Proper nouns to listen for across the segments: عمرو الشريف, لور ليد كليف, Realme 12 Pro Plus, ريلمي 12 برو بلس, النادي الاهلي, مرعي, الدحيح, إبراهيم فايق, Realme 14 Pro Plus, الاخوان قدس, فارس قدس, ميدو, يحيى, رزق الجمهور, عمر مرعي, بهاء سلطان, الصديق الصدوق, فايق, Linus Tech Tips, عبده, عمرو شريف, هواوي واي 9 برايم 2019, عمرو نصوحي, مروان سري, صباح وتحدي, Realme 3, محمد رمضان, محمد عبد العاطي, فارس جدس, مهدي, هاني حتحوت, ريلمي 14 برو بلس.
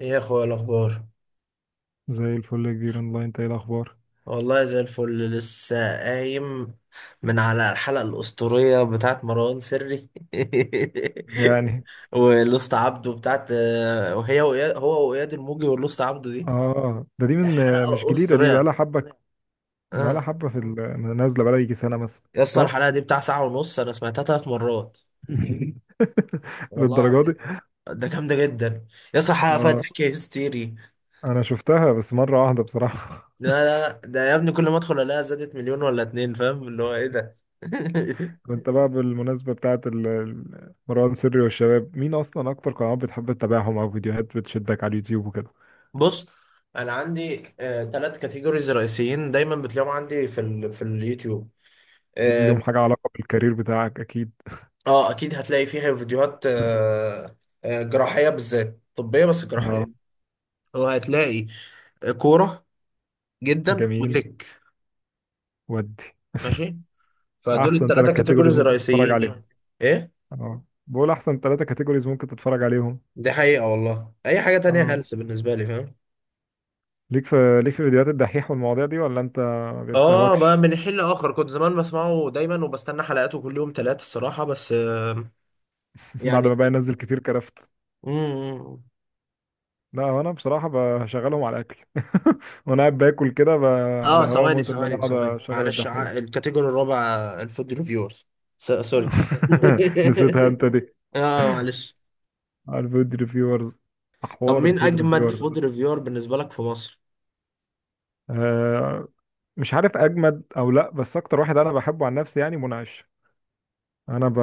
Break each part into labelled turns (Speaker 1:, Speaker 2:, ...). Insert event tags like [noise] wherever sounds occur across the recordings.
Speaker 1: ايه يا اخويا الاخبار؟
Speaker 2: زي الفل يا كبير اونلاين، انت ايه الاخبار؟
Speaker 1: والله زي الفل لسه قايم من على الحلقه الاسطوريه بتاعت مروان سري. [laughs]
Speaker 2: يعني الحمد
Speaker 1: والاسطى عبده بتاعت، وهي وإياد هو واياد الموجي والاسطى عبده دي
Speaker 2: اه ده دي من مش
Speaker 1: حلقه
Speaker 2: جديده، دي بقى
Speaker 1: اسطوريه.
Speaker 2: لها حبه. لله بقى
Speaker 1: آه.
Speaker 2: لها حبه نازله بقى لها يجي سنه مثلا،
Speaker 1: يا اسطى
Speaker 2: صح؟
Speaker 1: الحلقه دي بتاع ساعه ونص، انا سمعتها 3 مرات
Speaker 2: [laughs]
Speaker 1: والله
Speaker 2: للدرجه
Speaker 1: العظيم،
Speaker 2: دي؟
Speaker 1: ده جامده جدا. يا اسطى الحلقه فيها
Speaker 2: اه
Speaker 1: ضحك هستيري.
Speaker 2: انا شفتها بس مره واحده بصراحه.
Speaker 1: لا لا لا، ده يا ابني كل ما ادخل الاقيها زادت مليون ولا اتنين، فاهم اللي هو ايه ده؟ [laughs]
Speaker 2: [laughs] كنت بقى بالمناسبه بتاعه مروان سري والشباب، مين اصلا اكتر قنوات بتحب تتابعهم، او فيديوهات بتشدك على اليوتيوب وكده؟
Speaker 1: بص، انا عندي 3 كاتيجوريز رئيسيين دايما بتلاقيهم عندي في اليوتيوب.
Speaker 2: اكيد ليهم
Speaker 1: اه.
Speaker 2: حاجه، علاقه بالكارير بتاعك اكيد.
Speaker 1: اكيد هتلاقي فيها فيديوهات
Speaker 2: [laughs]
Speaker 1: جراحيه، بالذات طبيه بس جراحيه.
Speaker 2: اه،
Speaker 1: وهتلاقي كوره جدا،
Speaker 2: جميل.
Speaker 1: وتك.
Speaker 2: ودي
Speaker 1: ماشي. فدول
Speaker 2: احسن ثلاث
Speaker 1: الثلاثه
Speaker 2: كاتيجوريز
Speaker 1: كاتيجوريز
Speaker 2: ممكن تتفرج
Speaker 1: الرئيسيين
Speaker 2: عليهم.
Speaker 1: دي. ايه؟
Speaker 2: اه، بقول احسن ثلاثة كاتيجوريز ممكن تتفرج عليهم.
Speaker 1: دي حقيقه والله، اي حاجه
Speaker 2: اه،
Speaker 1: تانية
Speaker 2: أيوة.
Speaker 1: هلس بالنسبه لي فاهم.
Speaker 2: ليك في، ليك في فيديوهات الدحيح والمواضيع دي، ولا انت ما
Speaker 1: اه
Speaker 2: بيستهواكش؟
Speaker 1: بقى من حين لاخر كنت زمان بسمعه دايما وبستنى حلقاته كل يوم ثلاث الصراحه بس.
Speaker 2: [laughs] بعد ما
Speaker 1: يعني.
Speaker 2: بقى ينزل كتير كرفت.
Speaker 1: مم.
Speaker 2: لا، هو انا بصراحة بشغلهم على الاكل. [laughs] وانا قاعد باكل كده على
Speaker 1: اه،
Speaker 2: هوايا
Speaker 1: ثواني
Speaker 2: موت ان انا
Speaker 1: ثواني
Speaker 2: اقعد
Speaker 1: ثواني
Speaker 2: اشغل
Speaker 1: معلش،
Speaker 2: الدحيح.
Speaker 1: الكاتيجوري الرابع، الفود ريفيورز. سوري.
Speaker 2: [laughs] نسيتها
Speaker 1: [laughs]
Speaker 2: انت بالظبط دي،
Speaker 1: اه، معلش.
Speaker 2: الفود ريفيورز.
Speaker 1: طب
Speaker 2: احوار
Speaker 1: مين
Speaker 2: الفود
Speaker 1: اجمد
Speaker 2: ريفيورز ده
Speaker 1: فود ريفيور بالنسبه لك في مصر؟
Speaker 2: آه مش عارف اجمد او لا، بس اكتر واحد انا بحبه عن نفسي يعني منعش. انا ب...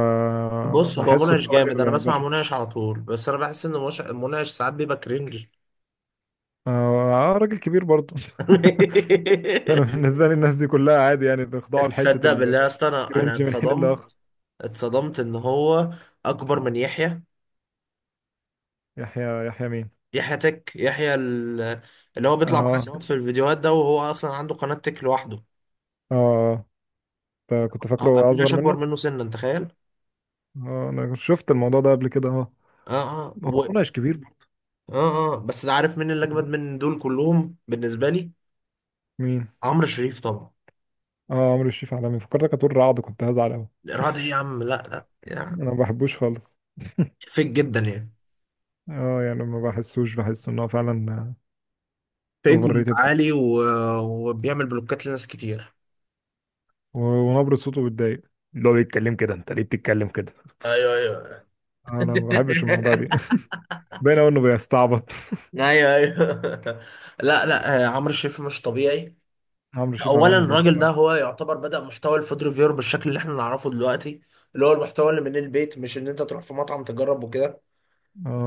Speaker 1: بص، هو
Speaker 2: بحسه كده
Speaker 1: منعش جامد، انا
Speaker 2: راجل
Speaker 1: بسمع منعش
Speaker 2: بشوش.
Speaker 1: على طول، بس انا بحس ان منعش ساعات بيبقى كرنج.
Speaker 2: اه راجل كبير برضه. [laughs] انا
Speaker 1: [laughs]
Speaker 2: بالنسبه لي الناس دي كلها عادي، يعني بيخضعوا لحته
Speaker 1: تصدق بالله يا اسطى، انا
Speaker 2: الكرنج من حين
Speaker 1: اتصدمت،
Speaker 2: لاخر.
Speaker 1: اتصدمت ان هو اكبر من يحيى.
Speaker 2: يحيى، يحيى مين؟
Speaker 1: يحيى تك، اللي هو بيطلع معاه
Speaker 2: اه،
Speaker 1: ساعات
Speaker 2: نعم.
Speaker 1: في الفيديوهات ده، وهو اصلا عنده قناه تك لوحده.
Speaker 2: اه كنت
Speaker 1: اه
Speaker 2: فاكره
Speaker 1: ابويا
Speaker 2: اصغر
Speaker 1: اكبر
Speaker 2: منه.
Speaker 1: منه سنا، انت تخيل.
Speaker 2: اه، انا شفت الموضوع ده قبل كده، اه.
Speaker 1: اه اه
Speaker 2: هو مناقش كبير برضه.
Speaker 1: اه اه، بس ده عارف مين اللي اجمد من دول كلهم بالنسبه لي؟
Speaker 2: مين؟
Speaker 1: عمرو شريف طبعا.
Speaker 2: اه، عمرو الشريف عالمي، فكرتك هتقول رعد، كنت هزعل قوي.
Speaker 1: الارهاب ايه يا عم، لا لا
Speaker 2: انا
Speaker 1: يعني
Speaker 2: ما بحبوش خالص.
Speaker 1: فيك جدا يعني،
Speaker 2: اه يعني، ما بحسوش، بحس ان هو فعلا
Speaker 1: فيك
Speaker 2: اوفر ريتد،
Speaker 1: ومتعالي وبيعمل بلوكات لناس كتير.
Speaker 2: ونبرة صوته بتضايق. اللي هو بيتكلم كده، انت ليه بتتكلم كده؟
Speaker 1: ايوه ايوه.
Speaker 2: انا ما بحبش
Speaker 1: [laughs]
Speaker 2: الموضوع دي. [laughs] باين قوي انه بيستعبط.
Speaker 1: ايوه ايوه. لا لا، عمرو شريف مش طبيعي.
Speaker 2: عمرو شريف
Speaker 1: اولا
Speaker 2: عالمي برضه.
Speaker 1: الراجل ده هو يعتبر بدأ محتوى الفود ريفيور بالشكل اللي احنا نعرفه دلوقتي، اللي هو المحتوى اللي من البيت، مش ان انت تروح في مطعم تجرب وكده.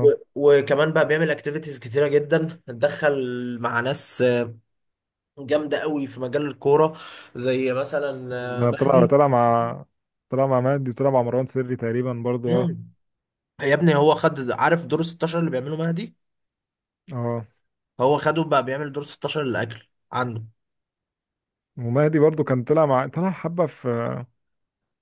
Speaker 1: وكمان بقى بيعمل اكتيفيتيز كتيره جدا، اتدخل مع ناس جامده قوي في مجال الكوره، زي مثلا
Speaker 2: ما عمرو طلع
Speaker 1: مهدي.
Speaker 2: طلع مع، طلع مع مهدي، وطلع مع مروان سري تقريبا برضه، اه
Speaker 1: مم. يا ابني هو خد عارف دور 16 اللي بيعمله مهدي،
Speaker 2: اه.
Speaker 1: هو خده بقى بيعمل دور 16 للاكل عنده.
Speaker 2: ومهدي برضه كان طلع مع، طلع حبة في،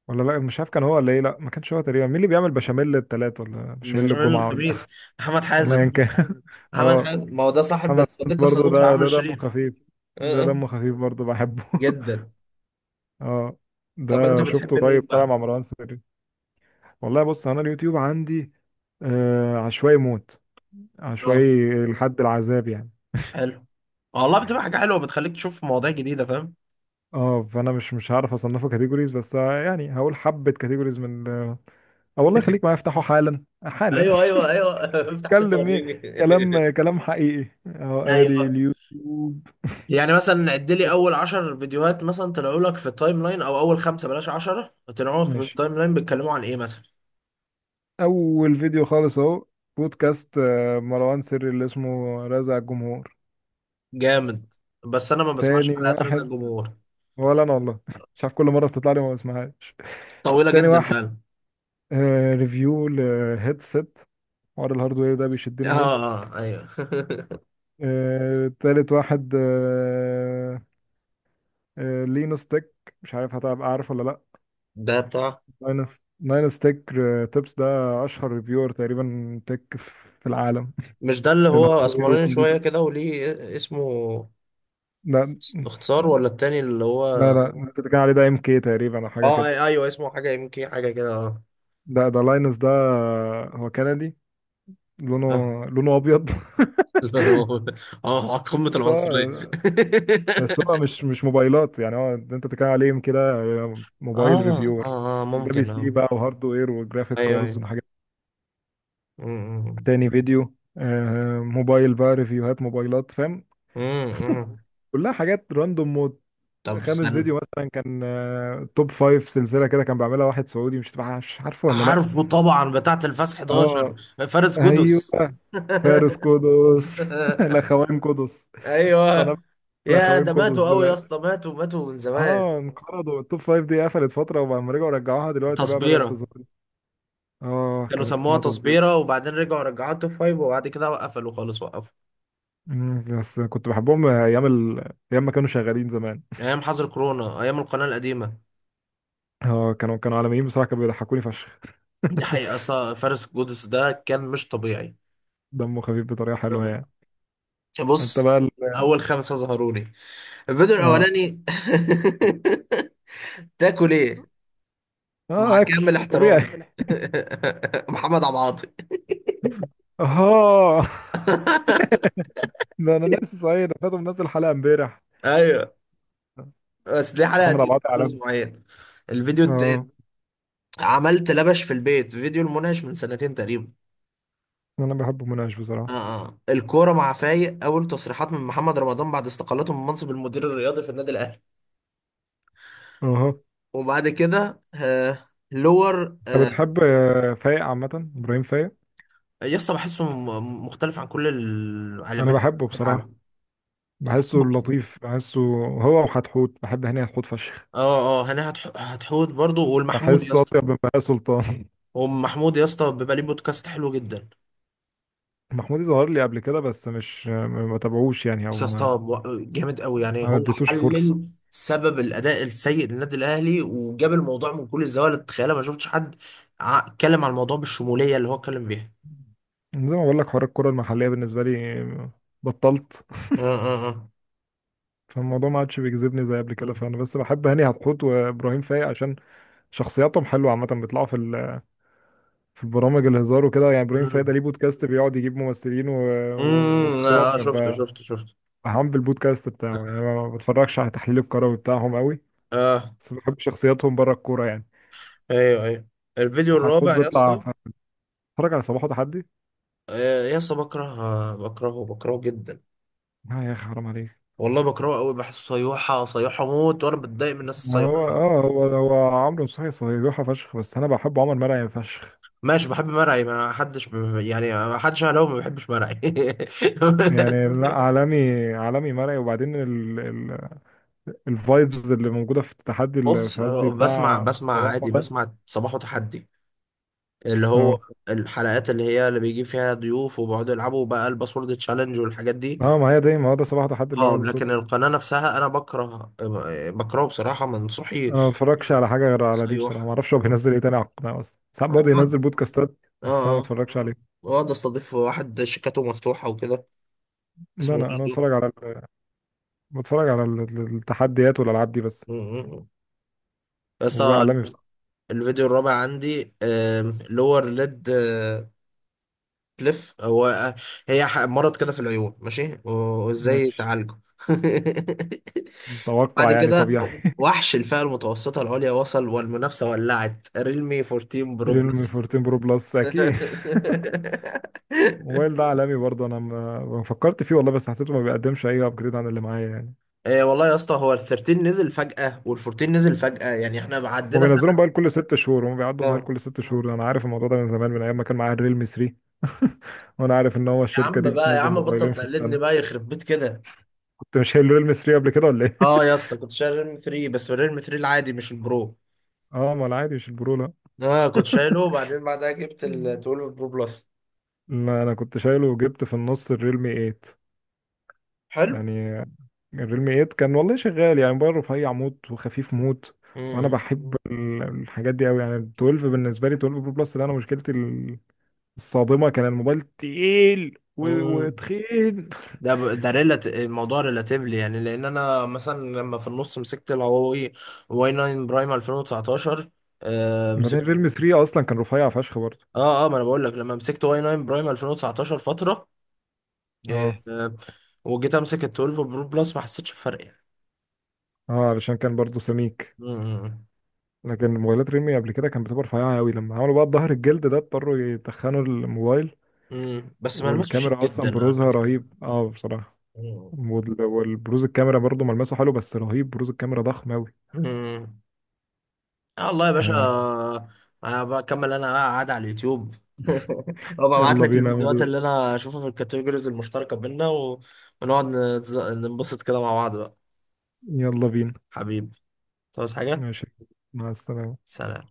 Speaker 2: ولا لا، مش عارف كان هو ولا ايه، لا ما كانش هو تقريبا. مين اللي بيعمل بشاميل التلات، ولا
Speaker 1: مش
Speaker 2: بشاميل
Speaker 1: عشان
Speaker 2: الجمعة، ولا
Speaker 1: الخميس، محمد
Speaker 2: [laughs] ولا
Speaker 1: حازم
Speaker 2: ايا كان؟ [laughs]
Speaker 1: محمد
Speaker 2: اه،
Speaker 1: حازم ما هو ده صاحب
Speaker 2: محمد سعد
Speaker 1: الصديق
Speaker 2: برضه،
Speaker 1: الصدوق
Speaker 2: ده
Speaker 1: لعمرو
Speaker 2: ده دمه
Speaker 1: شريف.
Speaker 2: خفيف. ده
Speaker 1: آه.
Speaker 2: دمه خفيف برضه، بحبه. [laughs]
Speaker 1: جدا.
Speaker 2: اه،
Speaker 1: طب انت
Speaker 2: ده شفته
Speaker 1: بتحب
Speaker 2: قريب
Speaker 1: مين
Speaker 2: طلع
Speaker 1: بقى؟
Speaker 2: مع مروان سري. والله بص، انا اليوتيوب عندي عشوائي موت،
Speaker 1: اه.
Speaker 2: عشوائي لحد العذاب يعني.
Speaker 1: حلو. والله بتبقى حاجه حلوه بتخليك تشوف مواضيع جديده فاهم.
Speaker 2: اه، فانا مش هعرف اصنفه كاتيجوريز، بس يعني هقول حبه كاتيجوريز من والله خليك معايا، افتحه حالا حالا.
Speaker 1: ايوه ايوه ايوه.
Speaker 2: [laughs]
Speaker 1: [laughs] افتح كده
Speaker 2: اتكلم ايه؟
Speaker 1: وريني.
Speaker 2: كلام،
Speaker 1: [laughs]
Speaker 2: كلام حقيقي، اهو ادي
Speaker 1: ايوه،
Speaker 2: اليوتيوب.
Speaker 1: يعني مثلا عد لي اول 10 فيديوهات مثلا طلعوا لك في التايم لاين، او اول خمسه بلاش 10، طلعوا لك في
Speaker 2: ماشي.
Speaker 1: التايم لاين بيتكلموا عن ايه مثلا.
Speaker 2: اول فيديو خالص اهو، بودكاست مروان سري اللي اسمه رازع الجمهور.
Speaker 1: جامد، بس انا ما بسمعش
Speaker 2: تاني
Speaker 1: حلقات رزق
Speaker 2: واحد،
Speaker 1: الجمهور،
Speaker 2: ولا انا والله [laughs] مش عارف، كل مره بتطلع لي ما بسمعهاش.
Speaker 1: طويله
Speaker 2: تاني
Speaker 1: جدا
Speaker 2: واحد
Speaker 1: فعلا.
Speaker 2: ريفيو لهيدسيت. حوار الهاردوير ده
Speaker 1: اه
Speaker 2: بيشدني موت.
Speaker 1: اه، ايوه. [laughs]
Speaker 2: تالت واحد لينو ستيك، مش عارف هتبقى عارف ولا لا.
Speaker 1: ده بتاع.
Speaker 2: ناين، ناين ستيك تيبس ده اشهر ريفيور تقريبا تك في العالم.
Speaker 1: مش
Speaker 2: [laughs]
Speaker 1: ده اللي هو
Speaker 2: للهاردوير
Speaker 1: اسمراني
Speaker 2: والكمبيوتر.
Speaker 1: شويه كده وليه اسمه
Speaker 2: لا،
Speaker 1: اختصار، ولا التاني اللي
Speaker 2: لا
Speaker 1: هو؟
Speaker 2: لا انت بتتكلم عليه ده ام كي تقريبا او حاجه
Speaker 1: اه،
Speaker 2: كده.
Speaker 1: ايوه اسمه حاجه، يمكن حاجه كده، اه.
Speaker 2: ده ده لاينس ده، هو كندي، لونه،
Speaker 1: آه.
Speaker 2: لونه ابيض.
Speaker 1: لا، أنا بقول- اه، قمة
Speaker 2: [laughs] ده-
Speaker 1: العنصرية.
Speaker 2: آه، بس
Speaker 1: [laughs]
Speaker 2: هو مش موبايلات يعني، هو ده انت بتتكلم عليه كده، موبايل
Speaker 1: اه
Speaker 2: ريفيور؟
Speaker 1: اه اه
Speaker 2: ده بي
Speaker 1: ممكن
Speaker 2: سي
Speaker 1: اه.
Speaker 2: بقى، وهاردوير، وجرافيك
Speaker 1: ايوه
Speaker 2: كاردز،
Speaker 1: ايوه.
Speaker 2: وحاجات.
Speaker 1: أمم،
Speaker 2: تاني فيديو موبايل بقى، ريفيوهات موبايلات فاهم؟
Speaker 1: أمم، أمم.
Speaker 2: كلها حاجات راندوم موت.
Speaker 1: طب
Speaker 2: خامس
Speaker 1: استنى،
Speaker 2: فيديو مثلا كان توب فايف، سلسله كده كان بيعملها واحد سعودي، مش مش عارفه ولا لا.
Speaker 1: عارفه طبعا، بتاعة الفاس
Speaker 2: اه،
Speaker 1: 11، فارس
Speaker 2: ايوه.
Speaker 1: جدس.
Speaker 2: فارس
Speaker 1: [laughs]
Speaker 2: قدس. [laughs] الاخوان قدس، قناه
Speaker 1: ايوه، يا
Speaker 2: الاخوان
Speaker 1: ده
Speaker 2: قدس
Speaker 1: ماتوا قوي يا
Speaker 2: دلوقتي.
Speaker 1: اسطى، ماتوا ماتوا من زمان.
Speaker 2: اه، انقرضوا، التوب فايف دي قفلت فتره، وبعد رجعوا رجعوها دلوقتي بقى بدات
Speaker 1: تصبيره.
Speaker 2: تظهر. اه،
Speaker 1: كانوا
Speaker 2: كانت
Speaker 1: سموها
Speaker 2: اسمها تصوير.
Speaker 1: تصبيره وبعدين رجعوا رجعوها توب فايف، وبعد كده قفلوا خالص وقفوا.
Speaker 2: مم، بس كنت بحبهم ايام ايام ما كانوا شغالين زمان.
Speaker 1: ايام حظر كورونا، ايام القناه القديمه.
Speaker 2: اه، كانوا عالميين بصراحه، كانوا بيضحكوني فشخ.
Speaker 1: دي حقيقه،
Speaker 2: [laughs]
Speaker 1: فارس جدس ده كان مش طبيعي.
Speaker 2: دمه خفيف بطريقه حلوه يعني. انت
Speaker 1: بص،
Speaker 2: بقى ال...
Speaker 1: اول خمسه ظهروا لي، الفيديو
Speaker 2: اه
Speaker 1: الاولاني. [laughs] تاكل ايه؟ مع
Speaker 2: اه،
Speaker 1: كامل
Speaker 2: اكل طبيعي.
Speaker 1: احترامي.
Speaker 2: [laughs]
Speaker 1: [laughs] محمد عبد العاطي.
Speaker 2: اه، ده انا ناسي صحيح، ده فاتو منزل حلقه امبارح.
Speaker 1: ايوه، بس دي حلقه
Speaker 2: محمد عبد
Speaker 1: دي
Speaker 2: العاطي
Speaker 1: من
Speaker 2: علام.
Speaker 1: اسبوعين. الفيديو التاني،
Speaker 2: اه،
Speaker 1: عملت لبش في البيت، فيديو المناقش من سنتين تقريبا.
Speaker 2: انا بحبه مناقش
Speaker 1: اه.
Speaker 2: بصراحه.
Speaker 1: اه، الكوره مع فايق، اول تصريحات من محمد رمضان بعد استقالته من منصب المدير الرياضي في النادي الاهلي.
Speaker 2: اه،
Speaker 1: وبعد كده لور.
Speaker 2: انت بتحب فايق عامه، ابراهيم فايق؟
Speaker 1: يسطا بحسه مختلف عن كل
Speaker 2: انا
Speaker 1: العالمين
Speaker 2: بحبه
Speaker 1: في
Speaker 2: بصراحه،
Speaker 1: العالم،
Speaker 2: بحسه
Speaker 1: بحبه.
Speaker 2: لطيف، بحسه، هو وحتحوت، بحب هاني حتحوت فشخ.
Speaker 1: اه. اه هنا هتحوت برضو، والمحمود يا
Speaker 2: بحسه
Speaker 1: اسطى.
Speaker 2: اطيب من بهاء سلطان. [laughs]
Speaker 1: ومحمود يا اسطى بيبقى ليه بودكاست حلو جدا.
Speaker 2: محمودي ظهر لي قبل كده، بس مش، ما بتابعوش يعني، او
Speaker 1: بس يا اسطى
Speaker 2: ما،
Speaker 1: جامد قوي يعني،
Speaker 2: ما
Speaker 1: هو
Speaker 2: اديتوش فرصه.
Speaker 1: حلل سبب الاداء السيء للنادي الاهلي وجاب الموضوع من كل الزوايا اللي تتخيلها، ما شفتش حد اتكلم عن الموضوع بالشموليه اللي هو اتكلم بيها.
Speaker 2: زي ما بقول لك، حوار الكره المحليه بالنسبه لي بطلت.
Speaker 1: اه اه اه.
Speaker 2: فالموضوع ما عادش بيجذبني زي قبل كده،
Speaker 1: مم.
Speaker 2: فانا بس بحب هاني حتحوت وابراهيم فايق عشان شخصياتهم حلوه عامه، بيطلعوا في في البرامج الهزار وكده، يعني ابراهيم فايق ده
Speaker 1: مم.
Speaker 2: ليه بودكاست بيقعد يجيب ممثلين
Speaker 1: مم. اه،
Speaker 2: وبتوع
Speaker 1: شفته
Speaker 2: ببقى
Speaker 1: شفته شفته.
Speaker 2: بهام بالبودكاست بتاعه. يعني أنا ما بتفرجش على تحليل الكروي بتاعهم قوي،
Speaker 1: اه.
Speaker 2: بس بحب شخصياتهم بره الكوره يعني.
Speaker 1: ايوه ايوه. الفيديو
Speaker 2: حتحوت
Speaker 1: الرابع يا
Speaker 2: بيطلع
Speaker 1: اسطى،
Speaker 2: ف- اتفرج على صباحه تحدي.
Speaker 1: يا اسطى بكره، بكرهه بكرهه جدا.
Speaker 2: آه يا اخي حرام عليك!
Speaker 1: والله بكرهه قوي، بحسه صيوحه صيوحه موت، وانا بتضايق من الناس الصيوحه
Speaker 2: هو
Speaker 1: دي.
Speaker 2: اه هو هو عمرو نصوحي صيحة فشخ، بس انا بحب عمر مرعي فشخ
Speaker 1: ماشي بحب مرعي، ما حدش يعني ما حدش هلاوي ما بيحبش مرعي.
Speaker 2: يعني. [laughs]
Speaker 1: [laughs]
Speaker 2: لا، عالمي، عالمي مرعي، وبعدين الفايبز اللي موجوده في التحدي اللي
Speaker 1: بص،
Speaker 2: في قصدي
Speaker 1: بسمع
Speaker 2: بتاع
Speaker 1: بسمع
Speaker 2: صباحه
Speaker 1: عادي،
Speaker 2: ده.
Speaker 1: بسمع صباح وتحدي، اللي هو
Speaker 2: اه
Speaker 1: الحلقات اللي هي اللي بيجيب فيها ضيوف، وبيقعدوا يلعبوا بقى الباسورد تشالنج والحاجات دي.
Speaker 2: اه، ما هي دي، ما هو ده صباحه تحدي اللي
Speaker 1: اه،
Speaker 2: بعده
Speaker 1: لكن
Speaker 2: صدفه.
Speaker 1: القناة نفسها انا بكره، بكرهه بصراحة منصوحي،
Speaker 2: انا ما بتفرجش على حاجه غير على دي بصراحه، ما
Speaker 1: صيوح.
Speaker 2: اعرفش هو بينزل ايه تاني على القناه اصلا، ساعات برضه ينزل
Speaker 1: بقعد.
Speaker 2: بودكاستات، بس انا
Speaker 1: اه
Speaker 2: ما
Speaker 1: اه،
Speaker 2: بتفرجش عليه.
Speaker 1: بقعد استضيف واحد شيكاته مفتوحة وكده،
Speaker 2: ده
Speaker 1: اسمه
Speaker 2: انا انا
Speaker 1: ميدو.
Speaker 2: بتفرج على ال- بتفرج على التحديات والالعاب دي بس،
Speaker 1: بس
Speaker 2: وبقى
Speaker 1: آه،
Speaker 2: عالمي بس.
Speaker 1: الفيديو الرابع عندي، لور ليد كليف، هو آه، هي مرض كده في العيون ماشي، وازاي
Speaker 2: ماشي.
Speaker 1: تعالجه. [laughs]
Speaker 2: توقع
Speaker 1: بعد
Speaker 2: يعني
Speaker 1: كده،
Speaker 2: طبيعي. [laughs]
Speaker 1: وحش الفئة المتوسطة العليا وصل والمنافسة ولعت، ريلمي 14 برو
Speaker 2: ريلمي
Speaker 1: بلس.
Speaker 2: 14 برو بلس اكيد. [laughs]
Speaker 1: [laughs]
Speaker 2: الموبايل ده عالمي برضه، انا ما فكرت فيه والله، بس حسيته ما بيقدمش اي ابجريد عن اللي معايا يعني.
Speaker 1: إيه والله يا اسطى، هو ال 13 نزل فجأة وال 14 نزل فجأة، يعني احنا
Speaker 2: هم
Speaker 1: عدينا
Speaker 2: بينزلوا موبايل
Speaker 1: سنة.
Speaker 2: كل ست شهور، هم بيعدوا موبايل
Speaker 1: اه
Speaker 2: كل ست شهور، انا عارف الموضوع ده من زمان، من ايام ما كان معايا الريلمي 3. [laughs] وانا عارف ان هو
Speaker 1: يا
Speaker 2: الشركه
Speaker 1: عم
Speaker 2: دي
Speaker 1: بقى، يا
Speaker 2: بتنزل
Speaker 1: عم
Speaker 2: موبايلين
Speaker 1: بطل
Speaker 2: في
Speaker 1: تقلدني
Speaker 2: السنه.
Speaker 1: بقى يخرب بيت كده.
Speaker 2: كنت مش شايل الريلمي 3 قبل كده ولا ايه؟
Speaker 1: اه يا اسطى كنت شايل ريلمي 3، بس الريلمي 3 العادي مش البرو.
Speaker 2: [laughs] اه، ما العادي مش البرو، لا.
Speaker 1: اه، كنت شايله وبعدين بعدها جبت ال
Speaker 2: مم.
Speaker 1: 12 برو بلس.
Speaker 2: ما انا كنت شايله، وجبت في النص الريلمي 8
Speaker 1: حلو.
Speaker 2: يعني. الريلمي 8 كان والله شغال يعني، موبايل رفيع موت وخفيف موت، وانا
Speaker 1: امم.
Speaker 2: بحب الحاجات دي قوي يعني. ال 12 بالنسبه لي، 12 برو بلس ده، انا مشكلتي الصادمه كان الموبايل تقيل
Speaker 1: امم.
Speaker 2: وتخين.
Speaker 1: ده ريلات الموضوع ريلاتيفلي يعني، لان انا مثلا لما في النص مسكت الهواوي واي 9 برايم 2019. آه،
Speaker 2: بعدين
Speaker 1: مسكته.
Speaker 2: فيلم 3 اصلا كان رفيع فشخ برضه.
Speaker 1: اه اه، ما انا بقول لك لما مسكت واي 9 برايم 2019 فتره. آه
Speaker 2: اه
Speaker 1: آه، وجيت امسك ال 12 برو بلس، ما حسيتش بفرق يعني.
Speaker 2: اه، علشان كان برضه سميك،
Speaker 1: امم.
Speaker 2: لكن موبايلات ريلمي قبل كده كانت بتبقى رفيعه قوي، لما عملوا بقى الظهر الجلد ده اضطروا يتخنوا الموبايل.
Speaker 1: امم. بس ملمسه شيك
Speaker 2: والكاميرا اصلا
Speaker 1: جدا على
Speaker 2: بروزها
Speaker 1: فكره.
Speaker 2: رهيب اه بصراحه. والبروز الكاميرا برضه ملمسه حلو، بس رهيب بروز الكاميرا ضخم قوي.
Speaker 1: امم. آه، والله يا باشا.
Speaker 2: آه.
Speaker 1: أنا بكمل، أنا بقى قاعد على اليوتيوب. [laughs] وببعت
Speaker 2: يلا
Speaker 1: لك
Speaker 2: بينا يا
Speaker 1: الفيديوهات
Speaker 2: مدير.
Speaker 1: اللي أنا أشوفها في الكاتيجوريز المشتركة بينا، ونقعد ننبسط كده مع بعض بقى.
Speaker 2: يلا بينا.
Speaker 1: حبيبي، تعوز حاجة؟
Speaker 2: ماشي، مع السلامه.
Speaker 1: سلام.